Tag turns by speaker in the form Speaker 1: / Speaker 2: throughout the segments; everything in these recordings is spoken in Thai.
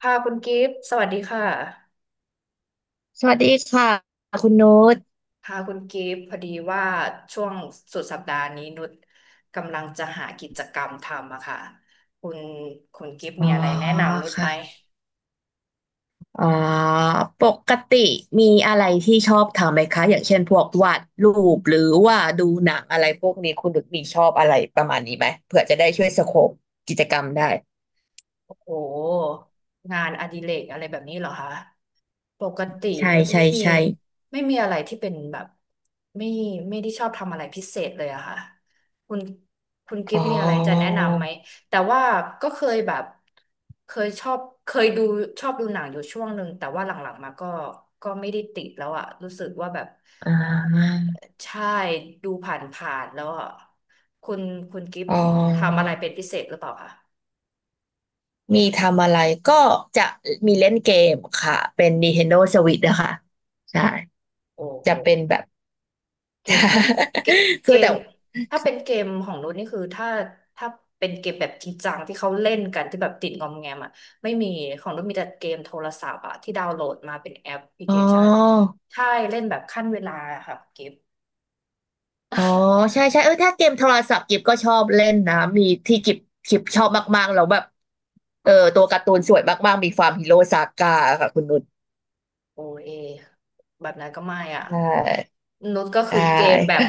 Speaker 1: ค่ะคุณกิฟต์สวัสดีค่ะ
Speaker 2: สวัสดีค่ะคุณนุช
Speaker 1: ค่ะคุณกิฟต์พอดีว่าช่วงสุดสัปดาห์นี้นุชกำลังจะหากิจกรรมทำอะค่ะคุณคุณกิฟต์
Speaker 2: อ๋อ
Speaker 1: มีอะไรแนะนำนุชไห
Speaker 2: ค่ะ
Speaker 1: ม
Speaker 2: อ๋อปกติมีอะไรที่ชอบทำไหมคะอย่างเช่นพวกวาดรูปหรือว่าดูหนังอะไรพวกนี้คุณนุชมีชอบอะไรประมาณนี้ไหมเผื่อจะได้ช่วยสโคปกิจกรรมได้
Speaker 1: โอ้งานอดิเรกอะไรแบบนี้เหรอคะ ปกติ
Speaker 2: ใช่
Speaker 1: นุช
Speaker 2: ใช่
Speaker 1: ไม่มี
Speaker 2: ใช่
Speaker 1: ไม่มีอะไรที่เป็นแบบไม่ไม่ได้ชอบทำอะไรพิเศษเลยอะค่ะคุณคุณกิ
Speaker 2: อ๋
Speaker 1: ฟต์
Speaker 2: อ
Speaker 1: มีอะไรจะแนะนำไหมแต่ว่าก็เคยแบบเคยชอบเคยดูชอบดูหนังอยู่ช่วงหนึ่งแต่ว่าหลังๆมาก็ก็ไม่ได้ติดแล้วอะรู้สึกว่าแบบ
Speaker 2: อ่า
Speaker 1: ใช่ดูผ่านๆแล้วอะคุณคุณกิฟต์
Speaker 2: อ๋อ
Speaker 1: ทำอะไรเป็นพิเศษหรือเปล่าคะ
Speaker 2: มีทำอะไรก็จะมีเล่นเกมค่ะเป็น Nintendo Switch นะคะใช่
Speaker 1: โอ้โห
Speaker 2: จะเป็นแบบ
Speaker 1: เกมก็เก เก
Speaker 2: คือ
Speaker 1: ม
Speaker 2: แต่
Speaker 1: ถ้าเป็นเกมของรุ่นนี่คือถ้าเป็นเกมแบบจริงจังที่เขาเล่นกันที่แบบติดงอมแงมอ่ะไม่มีของรุ่นมีแต่เกมโทรศัพท์อ่ะที่ดาวน์โหลดมาเป็นแอปพลิ
Speaker 2: อ๋
Speaker 1: เค
Speaker 2: อ
Speaker 1: ชันใช่เล่นแบบขั้นเวลาอะค่ะเกม
Speaker 2: อ๋อใช่ใช่ถ้าเกมโทรศัพท์กิบก็ชอบเล่นนะมีที่กิบชอบมากๆแล้วแบบตัวการ์ตูนสวยมากๆมีฟาร์มฮีโร่ซาก้าค่ะคุณนุช
Speaker 1: โอเอแบบนั้นก็ไม่อ่ะ
Speaker 2: ใช่
Speaker 1: นุชก็
Speaker 2: ใช
Speaker 1: คือเกมแบบ
Speaker 2: ่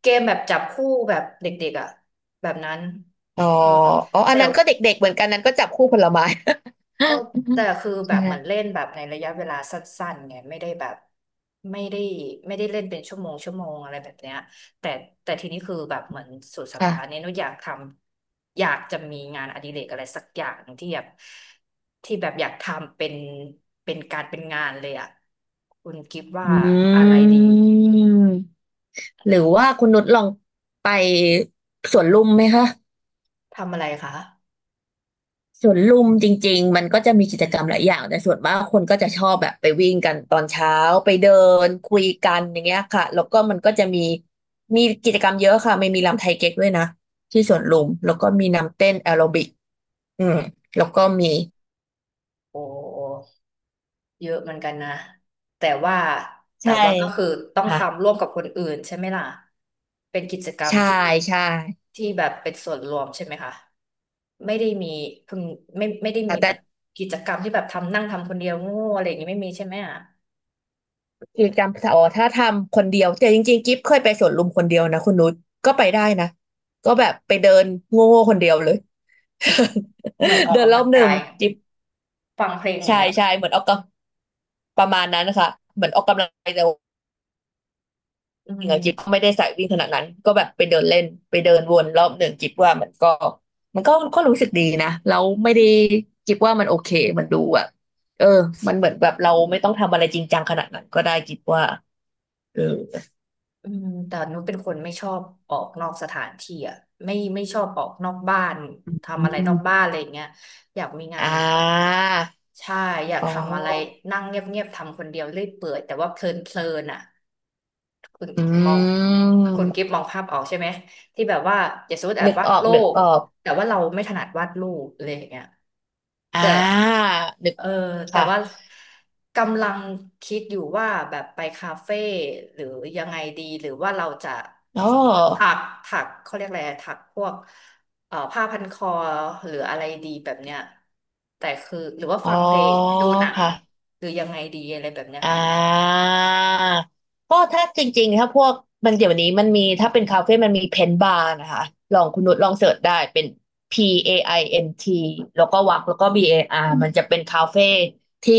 Speaker 1: เกมแบบจับคู่แบบเด็กๆอ่ะแบบนั้น
Speaker 2: อ๋อ
Speaker 1: เออ
Speaker 2: อ๋ออัน
Speaker 1: แต่
Speaker 2: นั้นก็เด็กๆเหมือนกันนั้นก็จับคู่ผลไม้
Speaker 1: เออแต่คือ แบ
Speaker 2: ใช่
Speaker 1: บเหมือนเล่นแบบในระยะเวลาสั้นๆไงไม่ได้แบบไม่ได้ไม่ได้เล่นเป็นชั่วโมงชั่วโมงอะไรแบบเนี้ยแต่แต่ทีนี้คือแบบเหมือนสุดสัปดาห์นี้
Speaker 2: ค่ะ
Speaker 1: หนุอยากทำอยากจะมีงานอดิเรกอะไรสักอย่างที่แบบที่แบบอยากทำเป็นเป็นการเป็นงานเลยอ่ะคุณกิฟว่า
Speaker 2: อื
Speaker 1: อะไรดี
Speaker 2: มหรือว่าคุณนุชลองไปสวนลุมไหมคะ
Speaker 1: ทำอะไรคะ
Speaker 2: สวนลุมจริงๆมันก็จะมีกิจกรรมหลายอย่างแต่ส่วนมากคนก็จะชอบแบบไปวิ่งกันตอนเช้าไปเดินคุยกันอย่างเงี้ยค่ะแล้วก็มันก็จะมีมีกิจกรรมเยอะค่ะไม่มีรำไทยเก๊กด้วยนะที่สวนลุมแล้วก็มีนำเต้นแอโรบิกอืมแล้วก็มี
Speaker 1: โอ้ เยอะเหมือนกันนะแต่ว่าแต่
Speaker 2: ใช่
Speaker 1: ว่าก็คือต้อง
Speaker 2: ค่ะ
Speaker 1: ทำร่วมกับคนอื่นใช่ไหมล่ะเป็นกิจกรรม
Speaker 2: ใช่
Speaker 1: ที่
Speaker 2: ใช่
Speaker 1: ที่แบบเป็นส่วนรวมใช่ไหมคะไม่ได้มีเพิ่งไม่ได้มี
Speaker 2: แต่
Speaker 1: แบบกิจกรรมที่แบบทำนั่งทำคนเดียวโง่อะไรอย่างนี้ไม่มีใช่ไหมอ่ะ
Speaker 2: กิจกรรมอ๋อถ้าทำคนเดียวแต่จริงๆกิ๊บเคยไปสวนลุมคนเดียวนะคุณนุชก็ไปได้นะก็แบบไปเดินโง่ๆคนเดียวเลย
Speaker 1: เหมือนอ อ
Speaker 2: เดิ
Speaker 1: ก
Speaker 2: นร
Speaker 1: กำ
Speaker 2: อ
Speaker 1: ลั
Speaker 2: บ
Speaker 1: ง
Speaker 2: หนึ่ง
Speaker 1: กาย
Speaker 2: จิ๊บ
Speaker 1: ฟังเพลงอย่า
Speaker 2: ใช่
Speaker 1: งเงี้ยเหร
Speaker 2: ใช่
Speaker 1: อ
Speaker 2: เหมือนออกกำประมาณนั้นนะคะเหมือนออกกำลังกายแต่ว่า
Speaker 1: อื
Speaker 2: จริงๆอะกิฟก็
Speaker 1: ม
Speaker 2: ไม่ได้สายวิ่งขนาดนั้นก็แบบไปเดินเล่นไปเดินวนรอบหนึ่งกิฟว่ามันก็รู้สึกดีนะแล้วไม่ได้กิฟว่ามันโอเคมันดูแบบเออมันเหมือนแบบเราไม่ต้องทำอะไรจริงจังขนาดนั้นก็ได้กิฟว่าเออ
Speaker 1: อืมแต่นุชเป็นคนไม่ชอบออกนอกสถานที่อ่ะไม่ชอบออกนอกบ้าน
Speaker 2: อื
Speaker 1: ทำอะไรนอกบ้าน
Speaker 2: ม
Speaker 1: อะไรอย่างเงี้ยอยากมีงา
Speaker 2: อ่
Speaker 1: นแบบ
Speaker 2: า
Speaker 1: ใช่อยาก
Speaker 2: อ๋อ
Speaker 1: ทำอะไรนั่งเงียบๆทำคนเดียวเรื่อยเปื่อยแต่ว่าเพลินๆอ่ะ คุณ
Speaker 2: อ
Speaker 1: มอง
Speaker 2: ื
Speaker 1: คุณกิฟ
Speaker 2: ม
Speaker 1: มองภาพออกใช่ไหมที่แบบว่าอย่าสมมติแบ
Speaker 2: นึ
Speaker 1: บ
Speaker 2: ก
Speaker 1: วา
Speaker 2: อ
Speaker 1: ด
Speaker 2: อก
Speaker 1: รู
Speaker 2: นึก
Speaker 1: ป
Speaker 2: ออก
Speaker 1: แต่ว่าเราไม่ถนัดวาดรูปอะไรอย่างเงี้ย
Speaker 2: อ่
Speaker 1: แต่
Speaker 2: านึก
Speaker 1: เออแต่
Speaker 2: ค่ะ
Speaker 1: ว่ากำลังคิดอยู่ว่าแบบไปคาเฟ่หรือยังไงดีหรือว่าเราจะ
Speaker 2: อ๋อ
Speaker 1: ถักถักเขาเรียกอะไรถักพวกผ้าพันคอหรืออะไรดีแบบเนี้ยแต่คือหรือว่า
Speaker 2: อ๋อ
Speaker 1: ฟังเพลงดูหนัง
Speaker 2: ค่ะ
Speaker 1: หรือยังไงดีอะไรแบบเนี้ย
Speaker 2: อ่
Speaker 1: ค่ะ
Speaker 2: าก็ถ้าจริงๆถ้าพวกมันเดี๋ยวนี้มันมีถ้าเป็นคาเฟ่มันมีเพนบาร์นะคะลองคุณนุชลองเสิร์ชได้เป็น P A I N T แล้วก็วักแล้วก็ B A R มันจะเป็นคาเฟ่ที่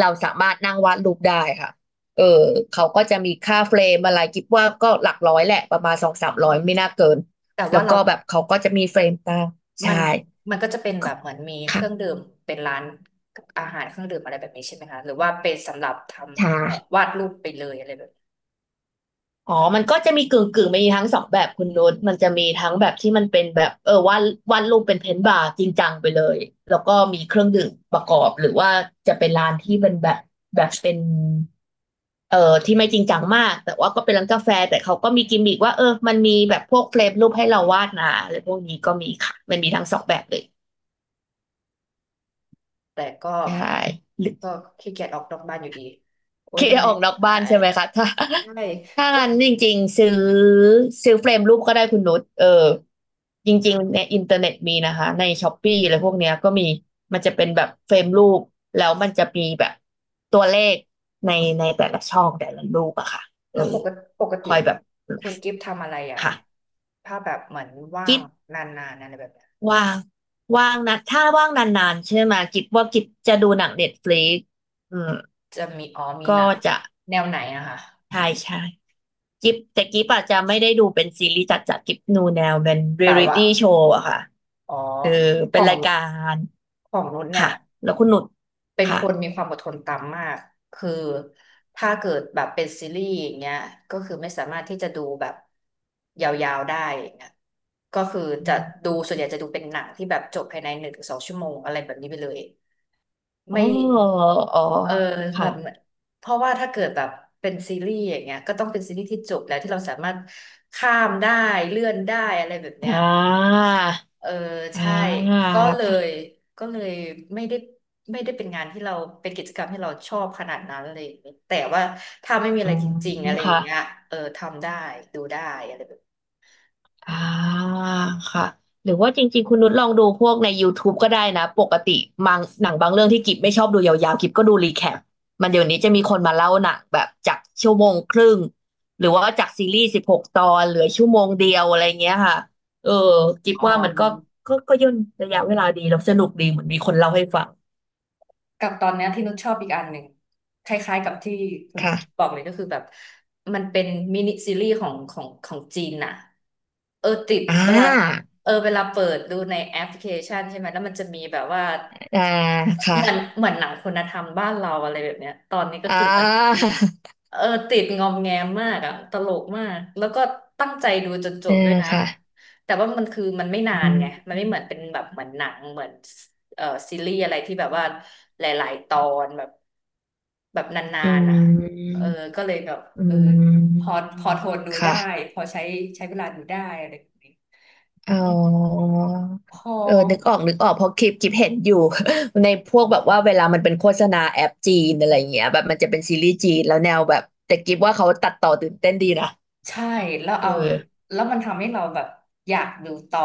Speaker 2: เราสามารถนั่งวาดรูปได้ค่ะเออเขาก็จะมีค่าเฟรมอะไรคิดว่าก็หลักร้อยแหละประมาณสองสามร้อยไม่น่าเกิน
Speaker 1: แต่
Speaker 2: แล้
Speaker 1: ว่า
Speaker 2: วก็
Speaker 1: เรา
Speaker 2: แบบเขาก็จะมีเฟรมตามใช่
Speaker 1: มันมันก็จะเป็นแบบเหมือนมีเครื่อง
Speaker 2: ค่ะ
Speaker 1: ดื่มเป็นร้านอาหารเครื่องดื่มอะไรแบบนี้ใช่ไหมคะหรือว่าเป็นสำหรับท
Speaker 2: ใช่
Speaker 1: ำวาดรูปไปเลยอะไรแบบ
Speaker 2: อ๋อมันก็จะมีกึ่งกึ่งมีทั้งสองแบบคุณนุชมันจะมีทั้งแบบที่มันเป็นแบบเออวาดรูปเป็นเพนท์บาร์จริงจังไปเลย แล้วก็มีเครื่องดื่มประกอบหรือว่าจะเป็นร้านที่เป็นแบบแบบเป็นที่ไม่จริงจังมากแต่ว่าก็เป็นร้านกาแฟแต่เขาก็มีกิมมิกว่าเออมันมีแบบพวกเฟรมรูปให้เราวาดนะอะไรพวกนี้ก็มีค่ะมันมีทั้งสองแบบเลย
Speaker 1: แต่ก็
Speaker 2: ใช่
Speaker 1: ก็ขี้เกียจออกนอกบ้านอยู่ดีโอ๊ย
Speaker 2: คิด
Speaker 1: ทำ
Speaker 2: จะ
Speaker 1: ไม
Speaker 2: ออกนอก
Speaker 1: อ่า
Speaker 2: บ้านใช่ไหมคะถ้า
Speaker 1: ใช่
Speaker 2: ถ้า
Speaker 1: ก็
Speaker 2: งั้นจริงๆซื้อซื้อเฟรมรูปก็ได้คุณนุชเออจริงๆในอินเทอร์เน็ตมีนะคะในช้อปปี้อะไรพวกเนี้ยก็มีมันจะเป็นแบบเฟรมรูปแล้วมันจะมีแบบตัวเลขในในแต่ละช่องแต่ละรูปอะค่ะเออ
Speaker 1: แล้วปกติปก
Speaker 2: ค
Speaker 1: ติ
Speaker 2: อยแบบ
Speaker 1: คุณกิฟต์ทำอะไรอ่ะ
Speaker 2: ค่ะ
Speaker 1: ถ้าแบบเหมือนว่า
Speaker 2: กิ๊
Speaker 1: ง
Speaker 2: บ
Speaker 1: นานๆอะไรแบบเนี้ย
Speaker 2: ว่างว่างนะถ้าว่างนานๆใช่ไหมกิ๊บว่ากิ๊บจะดูหนังเน็ตฟลิกอืม
Speaker 1: จะมีอ๋อมีห
Speaker 2: ก็
Speaker 1: นัง
Speaker 2: จะ
Speaker 1: แนวไหนอะคะ
Speaker 2: ใช่ใช่ กิฟแต่กิฟอาจจะไม่ได้ดูเป็นซีรีส์จัดจัดกิฟนูแนวเป็นเรี
Speaker 1: แบ
Speaker 2: ย
Speaker 1: บ
Speaker 2: ลิ
Speaker 1: ว่า
Speaker 2: ตี้โชว์อะค่ะ
Speaker 1: อ๋อ
Speaker 2: เออ
Speaker 1: ข
Speaker 2: เป็น
Speaker 1: อ
Speaker 2: รา
Speaker 1: ง
Speaker 2: ยการ
Speaker 1: ของนุชเนี่
Speaker 2: ค่ะ
Speaker 1: ย
Speaker 2: แล้วคุณหนุด
Speaker 1: เป็น
Speaker 2: ค่ะ
Speaker 1: คนมีความอดทนต่ำมากคือถ้าเกิดแบบเป็นซีรีส์อย่างเงี้ยก็คือไม่สามารถที่จะดูแบบยาวๆได้อย่างเงี้ยก็คือ
Speaker 2: อื
Speaker 1: จะ
Speaker 2: ม
Speaker 1: ดูส่วนใหญ่จะดูเป็นหนังที่แบบจบภายในหนึ่งถึงสองชั่วโมงอะไรแบบนี้ไปเลย
Speaker 2: อ๋อ
Speaker 1: ไม่
Speaker 2: อ๋อ
Speaker 1: เออแบ
Speaker 2: ค่ะ
Speaker 1: บเพราะว่าถ้าเกิดแบบเป็นซีรีส์อย่างเงี้ยก็ต้องเป็นซีรีส์ที่จบแล้วที่เราสามารถข้ามได้เลื่อนได้อะไรแบบเนี้ย
Speaker 2: อ่า
Speaker 1: เออ
Speaker 2: อ่
Speaker 1: ใช่
Speaker 2: า
Speaker 1: ก็เลย
Speaker 2: ถ้า
Speaker 1: ก็เลยไม่ได้ไม่ได้เป็นงานที่เราเป็นกิจกรรมที่เราชอบขนาดนั้นอะไรอย่างเลยแต่ว่าถ้าไม่มี
Speaker 2: อื
Speaker 1: อะไร
Speaker 2: ม
Speaker 1: จริงๆอะไรอ
Speaker 2: ค่ะ
Speaker 1: ย่างเงี้ยเออทำได้ดูได้อะไรแบบนี้
Speaker 2: อ่าค่ะหรือว่าจริงๆคุณนุชลองดูพวกใน YouTube ก็ได้นะปกติมังหนังบางเรื่องที่กิบไม่ชอบดูยาวๆกิบก็ดูรีแคปมันเดี๋ยวนี้จะมีคนมาเล่าหนังแบบจากชั่วโมงครึ่งหรือว่าจากซีรีส์16ตอนเหลือชั่วโมงเดียวอะไรเงี้ยค่ะเออกิบ
Speaker 1: อ๋อ
Speaker 2: ว่ามันก็ย่นระยะเวลาดีแล้วสนุกดีเหมือนมีคนเล่าให้ฟัง
Speaker 1: กับตอนเนี้ยที่นุชชอบอีกอันหนึ่งคล้ายๆกับที่คุณบ
Speaker 2: ค่ะ
Speaker 1: อกเลยก็คือแบบมันเป็นมินิซีรีส์ของจีนน่ะเออติด
Speaker 2: อ่
Speaker 1: เวลา
Speaker 2: า
Speaker 1: เออเวลาเปิดดูในแอปพลิเคชันใช่ไหมแล้วมันจะมีแบบว่า
Speaker 2: อ่าค่ะ
Speaker 1: เหมือนหนังคุณธรรมบ้านเราอะไรแบบเนี้ยตอนนี้ก็
Speaker 2: อ่
Speaker 1: คือเหมือน
Speaker 2: า
Speaker 1: เออติดงอมแงมมากอะตลกมากแล้วก็ตั้งใจดูจนจ
Speaker 2: เออ
Speaker 1: บด้วยนะ
Speaker 2: ค่ะ
Speaker 1: แต่ว่ามันคือมันไม่นา
Speaker 2: อื
Speaker 1: นไงมัน
Speaker 2: ม
Speaker 1: ไม่เหมือนเป็นแบบเหมือนหนังเหมือนเออซีรีส์อะไรที่แบบว่าหลายๆตอนแบบแบบนา
Speaker 2: อื
Speaker 1: นๆ
Speaker 2: ม
Speaker 1: อ่ะเออก็เลยแบบ
Speaker 2: อื
Speaker 1: เออพอ
Speaker 2: ม
Speaker 1: พอทนดูได้
Speaker 2: ค่ะ
Speaker 1: พอใช้ใช้เวลาดูได้อะไรแบบนี้
Speaker 2: อ๋อ
Speaker 1: อืมพอ
Speaker 2: เออนึกออก นึกออก เพราะคลิปเห็นอยู่ ในพวกแบบว่าเวลามันเป็นโฆษณาแอปจีนอะไรอย่างเงี้ยแบบมันจะเป็นซีรีส์จีนแล้วแนวแบบแต่กิฟว่าเขาตัดต่อตื่นเต้นดีนะ
Speaker 1: ใช่แล้ว
Speaker 2: เอ
Speaker 1: เอา
Speaker 2: อ
Speaker 1: แล้วมันทำให้เราแบบอยากดูต่อ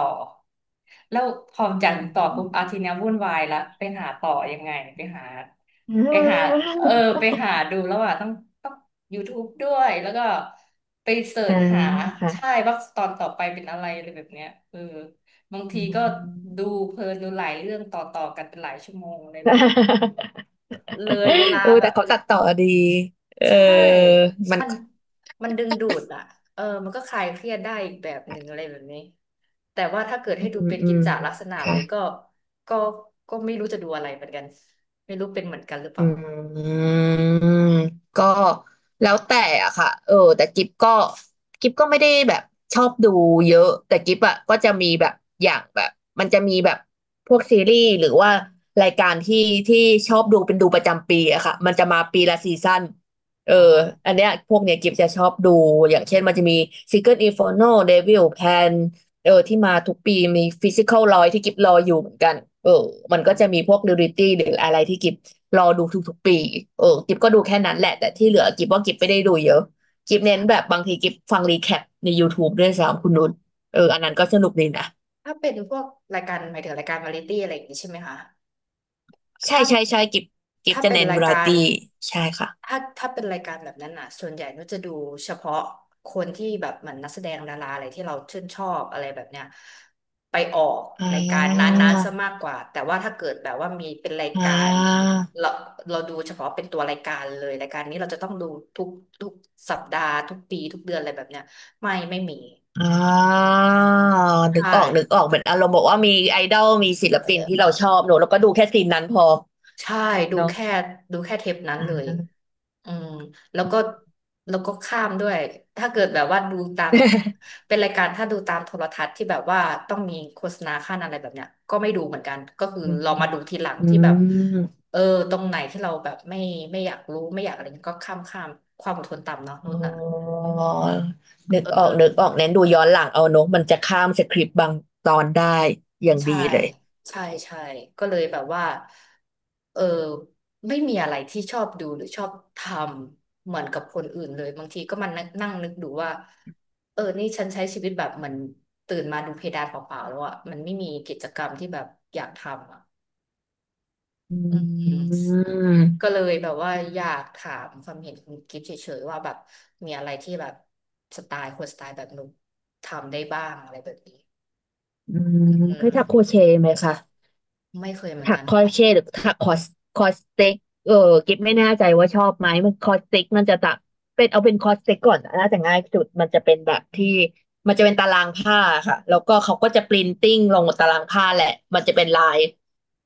Speaker 1: แล้วพออยากดู
Speaker 2: อื
Speaker 1: ต่อปุ๊
Speaker 2: ม
Speaker 1: บอาทีเนี้ยวุ่นวายละไปหาต่อยังไงไปหาไปหาเออไป หาดูแล้วอ่ะต้อง YouTube ด้วยแล้วก็ไปเสิร์
Speaker 2: อ่าอ่า
Speaker 1: ชหา
Speaker 2: ค่ะ
Speaker 1: ใช่ว่าตอนต่อไปเป็นอะไรอะไรแบบเนี้ยเออบาง
Speaker 2: อื
Speaker 1: ทีก็
Speaker 2: ม
Speaker 1: ดูเพลินดูหลายเรื่องต่อกันเป็นหลายชั่วโมงอะไรแบบนี้ เลยเวลา
Speaker 2: เออ
Speaker 1: แบ
Speaker 2: แต่
Speaker 1: บ
Speaker 2: เขาตัดต่อดีเอ
Speaker 1: ใช่
Speaker 2: อมัน
Speaker 1: มันมันดึงดูดอ่ะเออมันก็คลายเครียดได้อีกแบบหนึ่งอะไรแบบนี้แต่ว่าถ้าเกิด
Speaker 2: อื
Speaker 1: ให้ดู
Speaker 2: ม
Speaker 1: เป็น
Speaker 2: อื
Speaker 1: กิจ
Speaker 2: ม
Speaker 1: จลักษณะ
Speaker 2: ค่ะ
Speaker 1: เลยก็ก็ไม่รู้จะดูอะไรเหมือนกันไม่รู้เป็นเหมือนกันหรือเป
Speaker 2: อื
Speaker 1: ล่า
Speaker 2: มก็แล้วแต่อะค่ะเออแต่กิฟก็ไม่ได้แบบชอบดูเยอะแต่กิฟอะก็จะมีแบบอย่างแบบมันจะมีแบบพวกซีรีส์หรือว่ารายการที่ที่ชอบดูเป็นดูประจำปีอะค่ะมันจะมาปีละซีซั่นเออ
Speaker 1: อ๋อ
Speaker 2: อันเนี้ยพวกเนี้ยกิฟจะชอบดูอย่างเช่นมันจะมี Secret Inferno Devil Pan เออที่มาทุกปีมีฟิสิค a ลรอยที่กิฟรออยู่เหมือนกันเออมัน
Speaker 1: อื
Speaker 2: ก็จะมี
Speaker 1: ม
Speaker 2: พวกดิวริตี้หรืออะไรที่กิฟรอดูทุกๆปีกิฟก็ดูแค่นั้นแหละแต่ที่เหลือกิฟว่ากิฟไม่ได้ดูเยอะกิฟเน้นแบบบางทีกิฟฟังรีแคปใน YouTube ด้วยซ้ำคุณนุชอันนั้
Speaker 1: ถ้า
Speaker 2: นก็สนุกดีนะ
Speaker 1: ถ้าเป็นพวกรายการหมายถึงรายการวาไรตี้อะไรอย่างนี้ใช่ไหมคะ
Speaker 2: ใช่
Speaker 1: ถ้า
Speaker 2: ใช่ใช่กิฟกิฟ
Speaker 1: ถ้า
Speaker 2: จะ
Speaker 1: เป็น
Speaker 2: เน้น
Speaker 1: รา
Speaker 2: วา
Speaker 1: ย
Speaker 2: ไร
Speaker 1: การ
Speaker 2: ตี้ใช่ค่ะ
Speaker 1: ถ้าเป็นรายการแบบนั้นอ่ะส่วนใหญ่นุชจะดูเฉพาะคนที่แบบเหมือนนักแสดงดาราอะไรที่เราชื่นชอบอะไรแบบเนี้ยไปออก
Speaker 2: อ่
Speaker 1: รายการนั
Speaker 2: า
Speaker 1: ้นๆซะมากกว่าแต่ว่าถ้าเกิดแบบว่ามีเป็นราย
Speaker 2: อ่
Speaker 1: การ
Speaker 2: า
Speaker 1: เราเราดูเฉพาะเป็นตัวรายการเลยรายการนี้เราจะต้องดูทุกทุกสัปดาห์ทุกปีทุกเดือนอะไรแบบเนี้ยไม่มี
Speaker 2: อ่านึก
Speaker 1: ใช่
Speaker 2: ออกนึกออกเหมือนอารมณ์บอกว่ามีไอดอลมีศิลปินที่เราชอบเนอะแล้วก็ดูแค่ซีนนั้นพอ
Speaker 1: ใช่ดู
Speaker 2: เนาะ
Speaker 1: แค่ดูแค่เทปนั้นเลยอืมแล้วก็แล้วก็ข้ามด้วยถ้าเกิดแบบว่าดูตามเป็นรายการถ้าดูตามโทรทัศน์ที่แบบว่าต้องมีโฆษณาขั้นอะไรแบบเนี้ยก็ไม่ดูเหมือนกันก็คือ
Speaker 2: อืม
Speaker 1: เรามาดูทีหลัง
Speaker 2: อื
Speaker 1: ที่แบบ
Speaker 2: ม
Speaker 1: เออตรงไหนที่เราแบบไม่อยากรู้ไม่อยากอะไรเงี้ยก็ข้ามความอดทนต่ำเนาะนุ่
Speaker 2: อ๋
Speaker 1: นน่ะ
Speaker 2: อนึกอ
Speaker 1: เอ
Speaker 2: อ
Speaker 1: อ
Speaker 2: กนึกออกเน้นดูย้อนหลังเอาเนอะมันจะข้ามสคริปต์บางตอนได้อย่าง
Speaker 1: ใช่
Speaker 2: ดีเลย
Speaker 1: ใช่ใช่ก็เลยแบบว่าเออไม่มีอะไรที่ชอบดูหรือชอบทำเหมือนกับคนอื่นเลยบางทีก็มันงนั่งนึกดูว่าเออนี่ฉันใช้ชีวิตแบบเหมือนตื่นมาดูเพดานเปล่าๆแล้วอ่ะมันไม่มีกิจกรรมที่แบบอยากทำอ่ะ
Speaker 2: อื
Speaker 1: อืมก็
Speaker 2: ม
Speaker 1: เลยแบบว่าอยากถามความเห็นคุณกิฟต์เฉยๆว่าแบบมีอะไรที่แบบสไตล์คนสไตล์แบบนุกทำได้บ้างอะไรแบบนี้
Speaker 2: อืม
Speaker 1: อื
Speaker 2: เคย
Speaker 1: ม
Speaker 2: ทักโครเชต์ไหมคะ
Speaker 1: ไม่เคยเหมือน
Speaker 2: ถัก
Speaker 1: กัน
Speaker 2: คอรเชต
Speaker 1: ค่ะ
Speaker 2: หรือถักคอสคอสเต็กเออกิ๊บไม่แน่ใจว่าชอบไหมมันคอสเต็กมันจะตักเป็นคอสเต็กก่อนน่าจะง่ายสุดมันจะเป็นแบบที่มันจะเป็นตารางผ้าค่ะแล้วก็เขาก็จะปรินติ้งลงบนตารางผ้าแหละมันจะเป็นลาย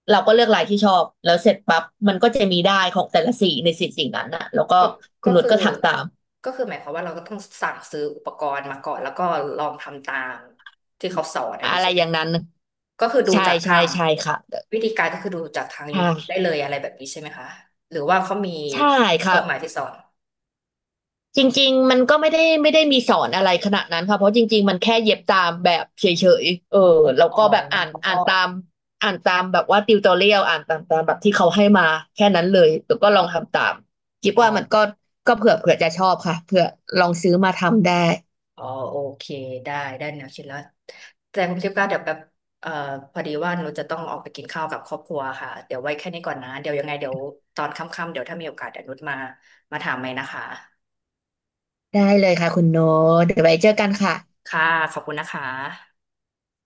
Speaker 2: เราก็เลือกลายที่ชอบแล้วเสร็จปั๊บมันก็จะมีได้ายของแต่ละสีในสีสิ่งนั้นอะแล้วก็
Speaker 1: ก็
Speaker 2: คุณ
Speaker 1: ก็
Speaker 2: นุช
Speaker 1: คือ
Speaker 2: ก็ถักตาม
Speaker 1: ก็คือหมายความว่าเราก็ต้องสั่งซื้ออุปกรณ์มาก่อนแล้วก็ลองทำตามที่เขาสอนอัน
Speaker 2: อะ
Speaker 1: นี้
Speaker 2: ไร
Speaker 1: ใช่
Speaker 2: อ
Speaker 1: ไหม
Speaker 2: ย่างนั้น
Speaker 1: ก็คือดู
Speaker 2: ใช่
Speaker 1: จาก
Speaker 2: ใช่
Speaker 1: ทาง
Speaker 2: ใช่ค่ะ
Speaker 1: วิธีการก็คือดูจากทาง YouTube ได้
Speaker 2: ค่ะ
Speaker 1: เลยอะไรแบบนี้ใช่ไหมคะ หรือว่าเขามี
Speaker 2: ใช่ค
Speaker 1: ต
Speaker 2: รั
Speaker 1: ร
Speaker 2: บ
Speaker 1: งไหนที่สอน
Speaker 2: จริงๆ มันก็ไม่ได้มีสอนอะไรขนาดนั้นค่ะเพราะจริงๆ มันแค่เย็บตามแบบเฉยๆแล้ว
Speaker 1: อ๋อ
Speaker 2: ก็แบบอ่านตาม
Speaker 1: อ
Speaker 2: อ่านตามแบบว่าติวตอเรียลอ่านตามแบบที่เขาให้มาแค่นั้นเลยแล้วก็ลองทำตามคิด
Speaker 1: ๋อ
Speaker 2: ว่ามันก็เผื่อจะชอบค่ะเผื่อลองซื้อมาทำได้
Speaker 1: อ๋อโอเคได้ได้แนวคิดแล้ว แต่คุณทิพย์ก็เดี๋ยวแบบเอ่อพอดีว่าหนูจะต้องออกไปกินข้าวกับครอบครัวค่ะ เดี๋ยวไว้แค่นี้ก่อนนะ เดี๋ยวยังไงเดี๋ยวตอนค่ำๆเดี๋ยวถ้ามีโอกาสเดี๋ยวนุชมา มาถามใหม่นะคะ
Speaker 2: ได้เลยค่ะคุณโนตเดี๋ยวไว้เจอกันค่ะ
Speaker 1: ค่ะขอบคุณนะคะ